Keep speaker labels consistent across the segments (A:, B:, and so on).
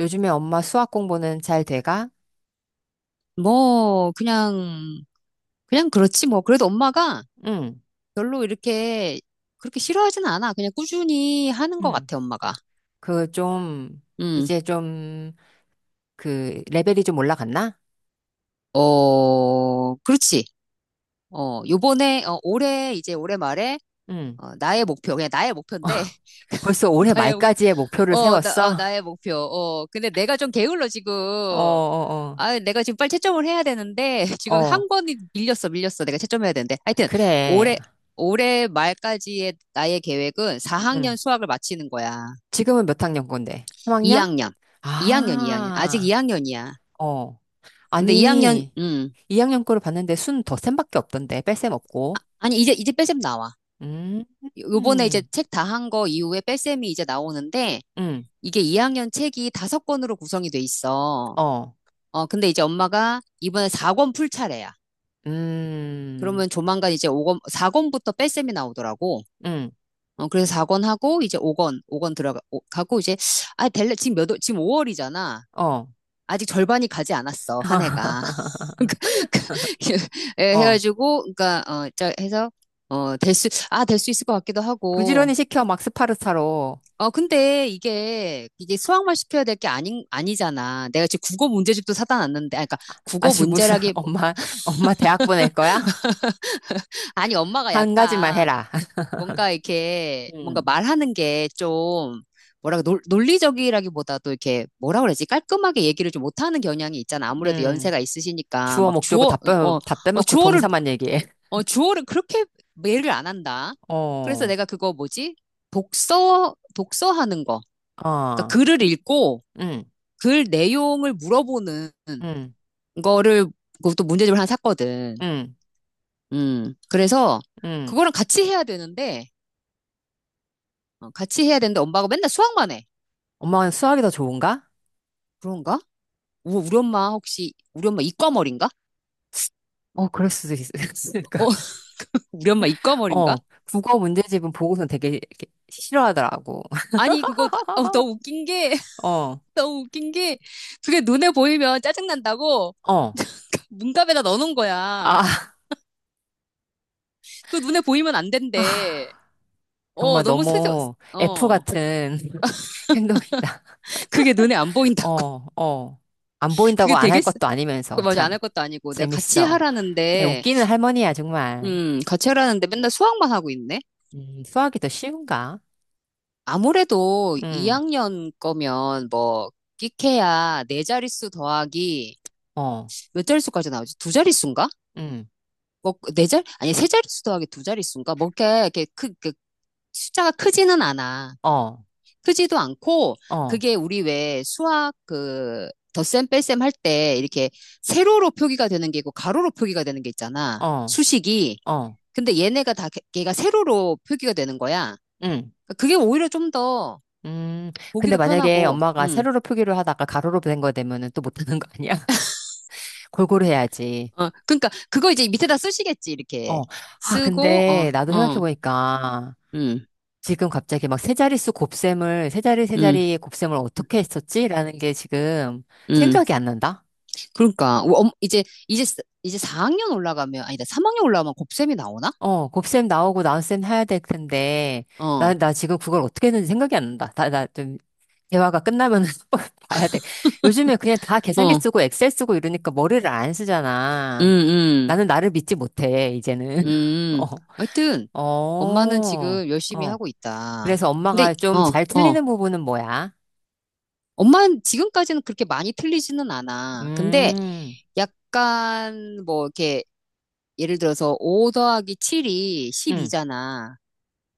A: 요즘에 엄마 수학 공부는 잘 돼가?
B: 뭐, 그냥 그렇지 뭐. 그래도 엄마가
A: 응,
B: 별로 이렇게 그렇게 싫어하진 않아. 그냥 꾸준히 하는 것
A: 응.
B: 같아, 엄마가.
A: 그 좀,
B: 음.
A: 이제 좀, 그, 레벨이 좀 올라갔나?
B: 그렇지. 이제 올해 말에,
A: 응.
B: 나의 목표, 그냥 나의 목표인데,
A: 벌써 올해
B: 나의, 목-
A: 말까지의 목표를
B: 어, 나, 어,
A: 세웠어?
B: 나의 목표. 근데 내가 좀 게을러, 지금.
A: 어, 어,
B: 아, 내가 지금 빨리 채점을 해야 되는데,
A: 어.
B: 지금
A: 어,
B: 한 권이 밀렸어. 내가 채점해야 되는데. 하여튼,
A: 그래.
B: 올해, 올해 말까지의 나의 계획은
A: 응.
B: 4학년 수학을 마치는 거야.
A: 지금은 몇 학년 건데? 3학년?
B: 2학년. 2학년, 2학년. 아직
A: 아,
B: 2학년이야.
A: 어.
B: 근데 2학년,
A: 아니, 2학년 거를 봤는데 순 더 쌤밖에 없던데, 뺄셈 없고.
B: 아니, 이제 뺄셈 나와.
A: 음,
B: 요번에 이제
A: 음,
B: 책 다 한 거 이후에 뺄셈이 이제 나오는데,
A: 음,
B: 이게 2학년 책이 5권으로 구성이 돼 있어.
A: 어,
B: 근데 이제 엄마가 이번에 4권 풀 차례야.
A: 음,
B: 그러면 조만간 이제 오권 4권부터 뺄셈이 나오더라고.
A: 음,
B: 그래서 4권 하고, 이제 5권, 오 권 들어가, 가고, 이제, 아, 될래, 지금 5월이잖아.
A: 어.
B: 아직 절반이 가지 않았어, 한 해가. 예,
A: 어,
B: 해가지고, 그러니까, 어, 자, 해서, 될 수 있을 것 같기도 하고.
A: 부지런히 시켜, 막 스파르타로.
B: 근데 이게 수학만 시켜야 될 게 아니, 아니잖아. 내가 지금 국어 문제집도 사다 놨는데, 아, 그러니까
A: 아-
B: 국어
A: 아주 무슨,
B: 문제라기,
A: 엄마, 엄마 대학 보낼 거야?
B: 아니, 엄마가
A: 한 가지만
B: 약간,
A: 해라.
B: 뭔가 이렇게 뭔가
A: 음,
B: 말하는 게 좀 뭐라고 논리적이라기보다도 이렇게 뭐라 그러지 깔끔하게 얘기를 좀 못하는 경향이 있잖아. 아무래도
A: 음.
B: 연세가 있으시니까
A: 주어
B: 막
A: 목적어 다
B: 주어
A: 빼, 다
B: 어
A: 빼먹고
B: 주어를
A: 동사만 얘기해.
B: 주어를 그렇게 매를 안 한다. 그래서
A: 어,
B: 내가 그거 뭐지 독서하는 거
A: 어,
B: 그러니까 글을 읽고
A: 응,
B: 글 내용을 물어보는
A: 응,
B: 거를 그것도 문제집을 하나 샀거든.
A: 응,
B: 그래서
A: 응.
B: 그거랑 같이 해야 되는데 엄마가 맨날 수학만 해.
A: 엄마는 수학이 더 좋은가?
B: 그런가? 우리 엄마 혹시 우리 엄마 이과머리인가?
A: 어, 그럴 수도 있- 있으니까.
B: 어, 우리 엄마 이과머리인가?
A: 어, 국어 문제집은 보고서 되게 이렇게 싫어하더라고.
B: 아니 너무 웃긴 게
A: 어,
B: 너무 웃긴 게 그게 눈에 보이면 짜증난다고
A: 어,
B: 문갑에다 넣어놓은 거야.
A: 아,
B: 그 눈에 보이면 안
A: 아.
B: 된대. 어
A: 정말
B: 너무 스저
A: 너무 F
B: 어
A: 같은 행동이다.
B: 그게 눈에 안 보인다고.
A: 어, 어. 안 보인다고
B: 그게
A: 안 할
B: 되겠어?
A: 것도
B: 그
A: 아니면서
B: 맞아
A: 참
B: 안 할 것도 아니고 내가 같이
A: 재밌어. 야,
B: 하라는데
A: 웃기는 할머니야, 정말.
B: 맨날 수학만 하고 있네.
A: 수학이 더 쉬운가?
B: 아무래도
A: 음,
B: 2학년 거면 뭐 끼케야 네 자릿수 더하기
A: 어,
B: 몇 자릿수까지 나오지? 두 자릿수인가?
A: 음,
B: 뭐, 네 자, 아니, 세 자릿수 더하기 두 자릿수인가? 뭐, 이렇게 숫자가 크지는 않아.
A: 어,
B: 크지도 않고,
A: 어,
B: 그게 우리 왜 수학 그, 덧셈 뺄셈 할 때 이렇게 세로로 표기가 되는 게 있고, 가로로 표기가 되는 게 있잖아.
A: 어,
B: 수식이.
A: 어,
B: 근데 얘네가 걔가 세로로 표기가 되는 거야.
A: 음,
B: 그러니까 그게 오히려 좀 더
A: 음. 근데
B: 보기도
A: 만약에
B: 편하고,
A: 엄마가 세로로 표기를 하다가 가로로 된 거 되면은 또 못하는 거 아니야? 골고루 해야지.
B: 그러니까 그거 이제 밑에다 쓰시겠지, 이렇게.
A: 어. 아,
B: 쓰고,
A: 근데 나도
B: 어,
A: 생각해보니까
B: 음,
A: 지금 갑자기 막 세 자릿수 곱셈을, 세 자리 세
B: 음.
A: 자리 곱셈을
B: 음.
A: 어떻게 했었지? 라는 게 지금
B: 음.
A: 생각이 안 난다?
B: 그러니까 이제 이제 4학년 올라가면 아니다 3학년 올라가면 곱셈이 나오나?
A: 어, 곱셈 나오고 나눗셈 해야 될 텐데, 나,
B: 어,
A: 나 지금 그걸 어떻게 했는지 생각이 안 난다. 나 좀, 대화가 끝나면 봐야 돼. 요즘에 그냥 다 계산기
B: 어,
A: 쓰고 엑셀 쓰고 이러니까 머리를 안
B: 음,
A: 쓰잖아.
B: 음,
A: 나는 나를 믿지 못해, 이제는.
B: 음.
A: 어,
B: 하여튼 엄마는
A: 어,
B: 지금 열심히
A: 어.
B: 하고 있다.
A: 그래서
B: 근데
A: 엄마가
B: 어,
A: 좀 잘 틀리는
B: 어.
A: 부분은 뭐야?
B: 엄마는 지금까지는 그렇게 많이 틀리지는 않아. 근데
A: 음,
B: 약간 뭐 이렇게 예를 들어서 5 더하기 7이
A: 음,
B: 12잖아.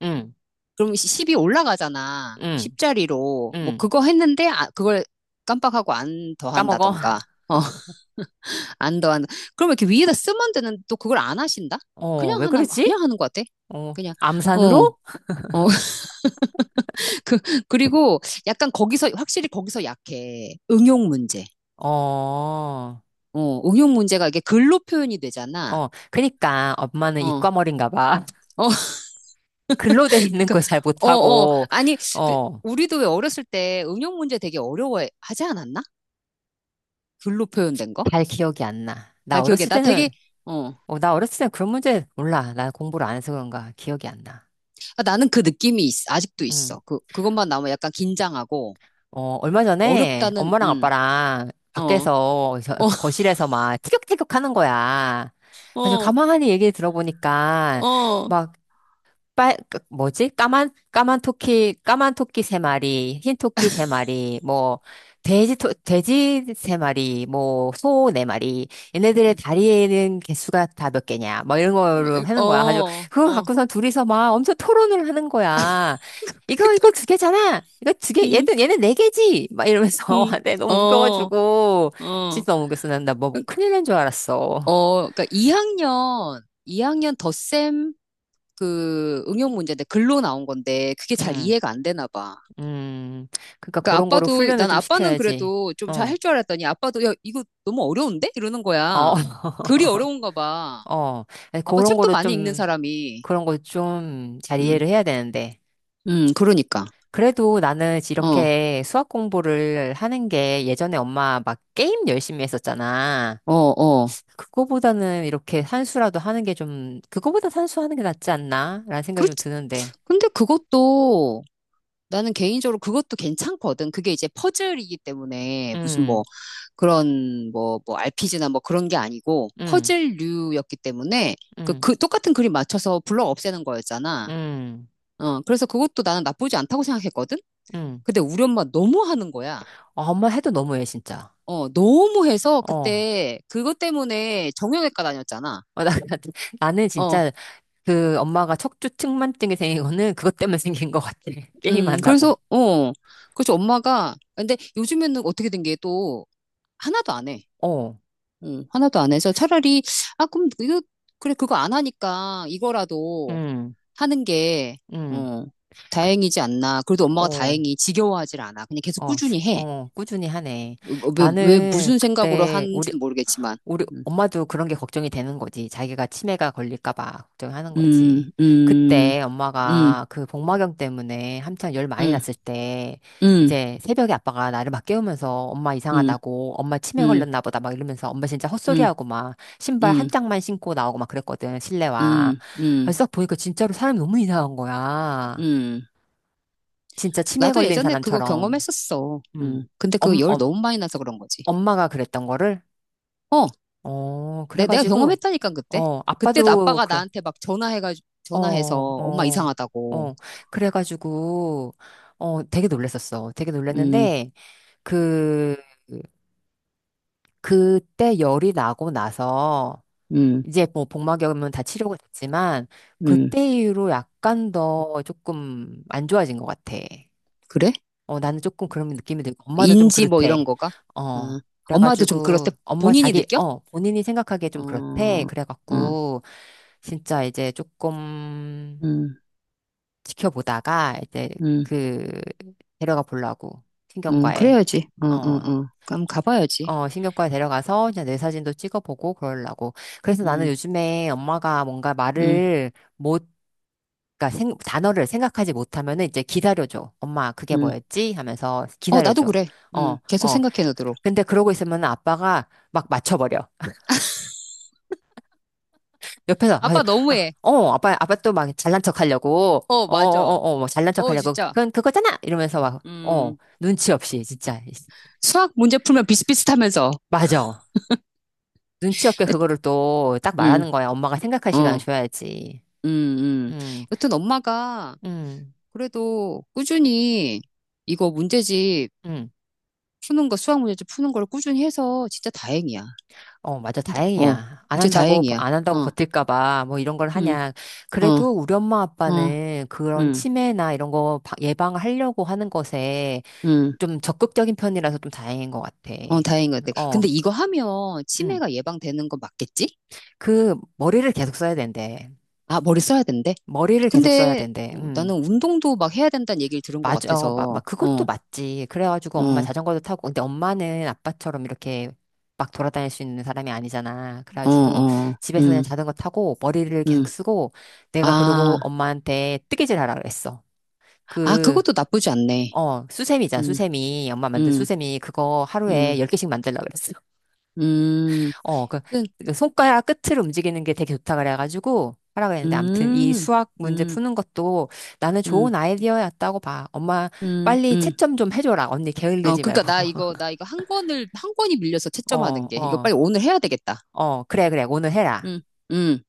A: 음,
B: 그럼 10이 올라가잖아.
A: 음.
B: 10자리로. 뭐
A: 응.
B: 그거 했는데 아, 그걸 깜빡하고 안
A: 까먹어.
B: 더한다던가. 어. 안 더 그러면 이렇게 위에다 쓰면 되는, 또 그걸 안 하신다?
A: 어, 왜 그러지?
B: 그냥 하는 것 같아.
A: 어,
B: 그냥, 어,
A: 암산으로?
B: 어, 그, 그리고 약간 거기서, 확실히 거기서 약해. 응용 문제.
A: 어,
B: 응용 문제가 이게 글로 표현이 되잖아.
A: 어. 그니까 엄마는
B: 어,
A: 이과머리인가 봐.
B: 어,
A: 글로 돼 있는
B: 그니까,
A: 걸 잘
B: 어, 어.
A: 못하고,
B: 아니, 그,
A: 어,
B: 우리도 왜 어렸을 때 응용 문제 되게 어려워하지 않았나? 글로 표현된 거?
A: 잘 기억이 안 나. 나
B: 잘 기억해.
A: 어렸을
B: 나
A: 때는,
B: 되게, 어,
A: 어, 나 어렸을 때는 그런 문제 몰라. 난 공부를 안 해서 그런가 기억이 안 나.
B: 아, 나는 그 느낌이 아직도
A: 음.
B: 있어. 그것만 나오면 약간 긴장하고,
A: 어, 얼마 전에
B: 어렵다는,
A: 엄마랑 아빠랑
B: 어.
A: 밖에서
B: 어,
A: 그 거실에서 막 티격태격 하는 거야. 그래서
B: 어,
A: 가만히 얘기 들어보니까,
B: 어,
A: 막 그 뭐지? 까만, 까만 토끼, 까만 토끼 세 마리, 흰 토끼 세 마리, 뭐, 돼지 세 마리, 뭐, 소 네 마리, 얘네들의
B: 음,
A: 다리에 있는 개수가 다 몇 개냐, 뭐 이런 거로
B: 어,
A: 하는 거야. 아주, 그거
B: 어,
A: 갖고선 둘이서 막 엄청 토론을 하는 거야.
B: 그게
A: 이거, 이거
B: 또,
A: 두 개잖아! 이거 두 개,
B: 음,
A: 얘는, 얘는 네 개지! 막 이러면서,
B: 음,
A: 내 너무
B: 어,
A: 웃겨가지고,
B: 어,
A: 진짜 너무 웃겼어. 나뭐 큰일 난 줄 알았어.
B: 어, 그러니까 2학년 덧셈 그 응용 문제인데 글로 나온 건데 그게 잘
A: 음,
B: 이해가 안 되나 봐.
A: 음. 그러니까
B: 그러니까
A: 그런 거로
B: 아빠도
A: 훈련을
B: 난
A: 좀
B: 아빠는
A: 시켜야지.
B: 그래도 좀 잘
A: 어.
B: 할 줄 알았더니 아빠도 야 이거 너무 어려운데 이러는
A: 어,
B: 거야. 글이 어려운가 봐.
A: 어, 아니,
B: 아빠
A: 그런
B: 책도
A: 거를
B: 많이 읽는
A: 좀,
B: 사람이.
A: 그런 걸 좀 잘
B: 음,
A: 이해를 해야 되는데.
B: 그러니까.
A: 그래도 나는
B: 어,
A: 이렇게 수학 공부를 하는 게 예전에 엄마 막 게임 열심히 했었잖아.
B: 어, 어.
A: 그거보다는 이렇게 산수라도 하는 게 좀, 그거보다 산수 하는 게 낫지 않나? 라는 생각이 좀
B: 그렇지.
A: 드는데.
B: 근데 그것도 나는 개인적으로 그것도 괜찮거든. 그게 이제 퍼즐이기 때문에 무슨 뭐
A: 음,
B: 그런 뭐 RPG나 뭐 그런 게 아니고
A: 음,
B: 퍼즐류였기 때문에
A: 음,
B: 그 똑같은 그림 맞춰서 블럭 없애는 거였잖아.
A: 음,
B: 그래서 그것도 나는 나쁘지 않다고 생각했거든?
A: 음.
B: 근데 우리 엄마 너무 하는 거야.
A: 아, 엄마 해도 너무해, 진짜.
B: 너무 해서
A: 어.
B: 그때 그것 때문에 정형외과 다녔잖아.
A: 어, 나, 나는
B: 어,
A: 진짜 그 엄마가 척추 측만증이 생긴 거는 그것 때문에 생긴 것 같아. 게임한다고.
B: 그래서, 어, 그래서 엄마가, 근데 요즘에는 어떻게 된 게 또 하나도 안 해.
A: 어,
B: 하나도 안 해서 차라리, 아, 그럼 이거, 그래, 그거 안 하니까 이거라도
A: 응,
B: 하는 게,
A: 응,
B: 어, 다행이지 않나. 그래도 엄마가
A: 어,
B: 다행히 지겨워하질 않아. 그냥 계속
A: 어,
B: 꾸준히 해.
A: 어, 꾸준히 하네.
B: 어, 왜
A: 나는
B: 무슨 생각으로
A: 그때 우리
B: 하는지는 모르겠지만.
A: 우리
B: 음,
A: 엄마도 그런 게 걱정이 되는 거지. 자기가 치매가 걸릴까 봐 걱정하는 거지.
B: 음, 음,
A: 그때
B: 음,
A: 엄마가 그 복막염 때문에 한창 열 많이
B: 음,
A: 났을 때
B: 음,
A: 이제 새벽에 아빠가 나를 막 깨우면서 엄마 이상하다고 엄마 치매
B: 음,
A: 걸렸나 보다 막 이러면서 엄마 진짜
B: 음,
A: 헛소리하고 막
B: 음,
A: 신발 한
B: 음,
A: 짝만 신고 나오고 막 그랬거든. 실내화.
B: 음, 음.
A: 그래서 딱 보니까 진짜로 사람이 너무 이상한 거야.
B: 음.
A: 진짜 치매
B: 나도
A: 걸린
B: 예전에 그거
A: 사람처럼.
B: 경험했었어.
A: 음.
B: 음. 근데 그
A: 엄,
B: 열
A: 엄,
B: 너무 많이 나서 그런 거지.
A: 엄마가 그랬던 거를
B: 어,
A: 어,
B: 내가
A: 그래가지고
B: 경험했다니까, 그때.
A: 어,
B: 그때도
A: 아빠도
B: 아빠가
A: 그래.
B: 나한테 막 전화해가
A: 어,
B: 전화해서 엄마
A: 어,
B: 이상하다고.
A: 어. 그래가지고, 어, 되게 놀랬었어. 되게
B: 음,
A: 놀랬는데, 그, 그때 열이 나고 나서,
B: 음,
A: 이제 뭐 복막염은 다 치료가 됐지만,
B: 음.
A: 그때 이후로 약간 더 조금 안 좋아진 것 같아.
B: 그래?
A: 어, 나는 조금 그런 느낌이 들고, 엄마도 좀
B: 인지 뭐 이런
A: 그렇대.
B: 거가?
A: 어.
B: 어. 엄마도 좀
A: 그래가지고,
B: 그렇대.
A: 엄마
B: 본인이
A: 자기,
B: 느껴?
A: 어, 본인이 생각하기에 좀 그렇대.
B: 어, 어,
A: 그래갖고, 진짜 이제 조금,
B: 음,
A: 지켜보다가 이제
B: 음,
A: 그 데려가 보려고 신경과에.
B: 그래야지. 어, 어,
A: 어,
B: 어. 그럼 가봐야지.
A: 어, 신경과에 데려가서 이제 뇌 사진도 찍어보고 그러려고. 그래서 나는
B: 음,
A: 요즘에 엄마가 뭔가
B: 음,
A: 말을 못, 그러니까 단어를 생각하지 못하면은 이제 기다려줘. 엄마 그게
B: 음.
A: 뭐였지 하면서
B: 어, 나도
A: 기다려줘.
B: 그래.
A: 어,
B: 계속
A: 어.
B: 생각해 놓도록.
A: 근데 그러고 있으면 아빠가 막 맞춰버려 옆에서. 아,
B: 아빠
A: 아,
B: 너무해.
A: 어, 아빠 아빠 또 막 잘난 척 하려고
B: 어,
A: 어어
B: 맞아.
A: 어어 뭐 잘난 척
B: 어,
A: 하려고
B: 진짜.
A: 그건 그거잖아 이러면서 막 어
B: 음.
A: 눈치 없이 진짜.
B: 수학 문제 풀면 비슷비슷하면서.
A: 맞아. 눈치 없게 그거를 또 딱
B: 음,
A: 말하는 거야. 엄마가 생각할 시간을
B: 어.
A: 줘야지.
B: 음, 음. 여튼 엄마가
A: 음음음어.
B: 그래도 꾸준히 이거 문제집 수학 문제집 푸는 걸 꾸준히 해서 진짜 다행이야.
A: 맞아,
B: 근데, 어,
A: 다행이야. 안
B: 진짜
A: 한다고
B: 다행이야.
A: 안 한다고
B: 어,
A: 버틸까 봐 뭐 이런 걸
B: 음,
A: 하냐.
B: 어,
A: 그래도 우리 엄마
B: 어,
A: 아빠는 그런
B: 음,
A: 치매나 이런 거 예방하려고 하는 것에
B: 음,
A: 좀 적극적인 편이라서 좀 다행인 것 같아.
B: 어, 다행인 것 같아.
A: 어.
B: 근데 이거 하면
A: 음.
B: 치매가 예방되는 거 맞겠지?
A: 그 머리를 계속 써야 된대.
B: 아, 머리 써야 된대.
A: 머리를 계속 써야
B: 근데
A: 된대.
B: 어, 나는
A: 음.
B: 운동도 막 해야 된다는 얘기를 들은 것
A: 맞아. 어,
B: 같아서, 어,
A: 그것도
B: 어,
A: 맞지. 그래가지고 엄마 자전거도 타고. 근데 엄마는 아빠처럼 이렇게 막 돌아다닐 수 있는 사람이 아니잖아.
B: 어,
A: 그래가지고
B: 어,
A: 집에서 그냥 자전거 타고 머리를 계속
B: 음.
A: 쓰고. 내가 그러고
B: 아,
A: 엄마한테 뜨개질 하라 그랬어.
B: 아,
A: 그,
B: 그것도 나쁘지 않네.
A: 어, 수세미잖아.
B: 음,
A: 수세미. 엄마 만든
B: 음.
A: 수세미. 그거 하루에
B: 음,
A: 10개씩 만들라 그랬어.
B: 음,
A: 어, 그,
B: 하여튼,
A: 그 손가락 끝을 움직이는 게 되게 좋다 그래가지고 하라 그랬는데. 아무튼 이
B: 음,
A: 수학 문제
B: 음,
A: 푸는 것도 나는
B: 음,
A: 좋은 아이디어였다고 봐. 엄마
B: 음,
A: 빨리
B: 음.
A: 채점 좀 해줘라. 언니
B: 어,
A: 게을르지
B: 그러니까
A: 말고.
B: 나 이거 한 권이 밀려서
A: 어,
B: 채점하는 게, 이거
A: 어,
B: 빨리 오늘 해야 되겠다.
A: 어, 그래, 그래. 오늘 해라.
B: 음, 음.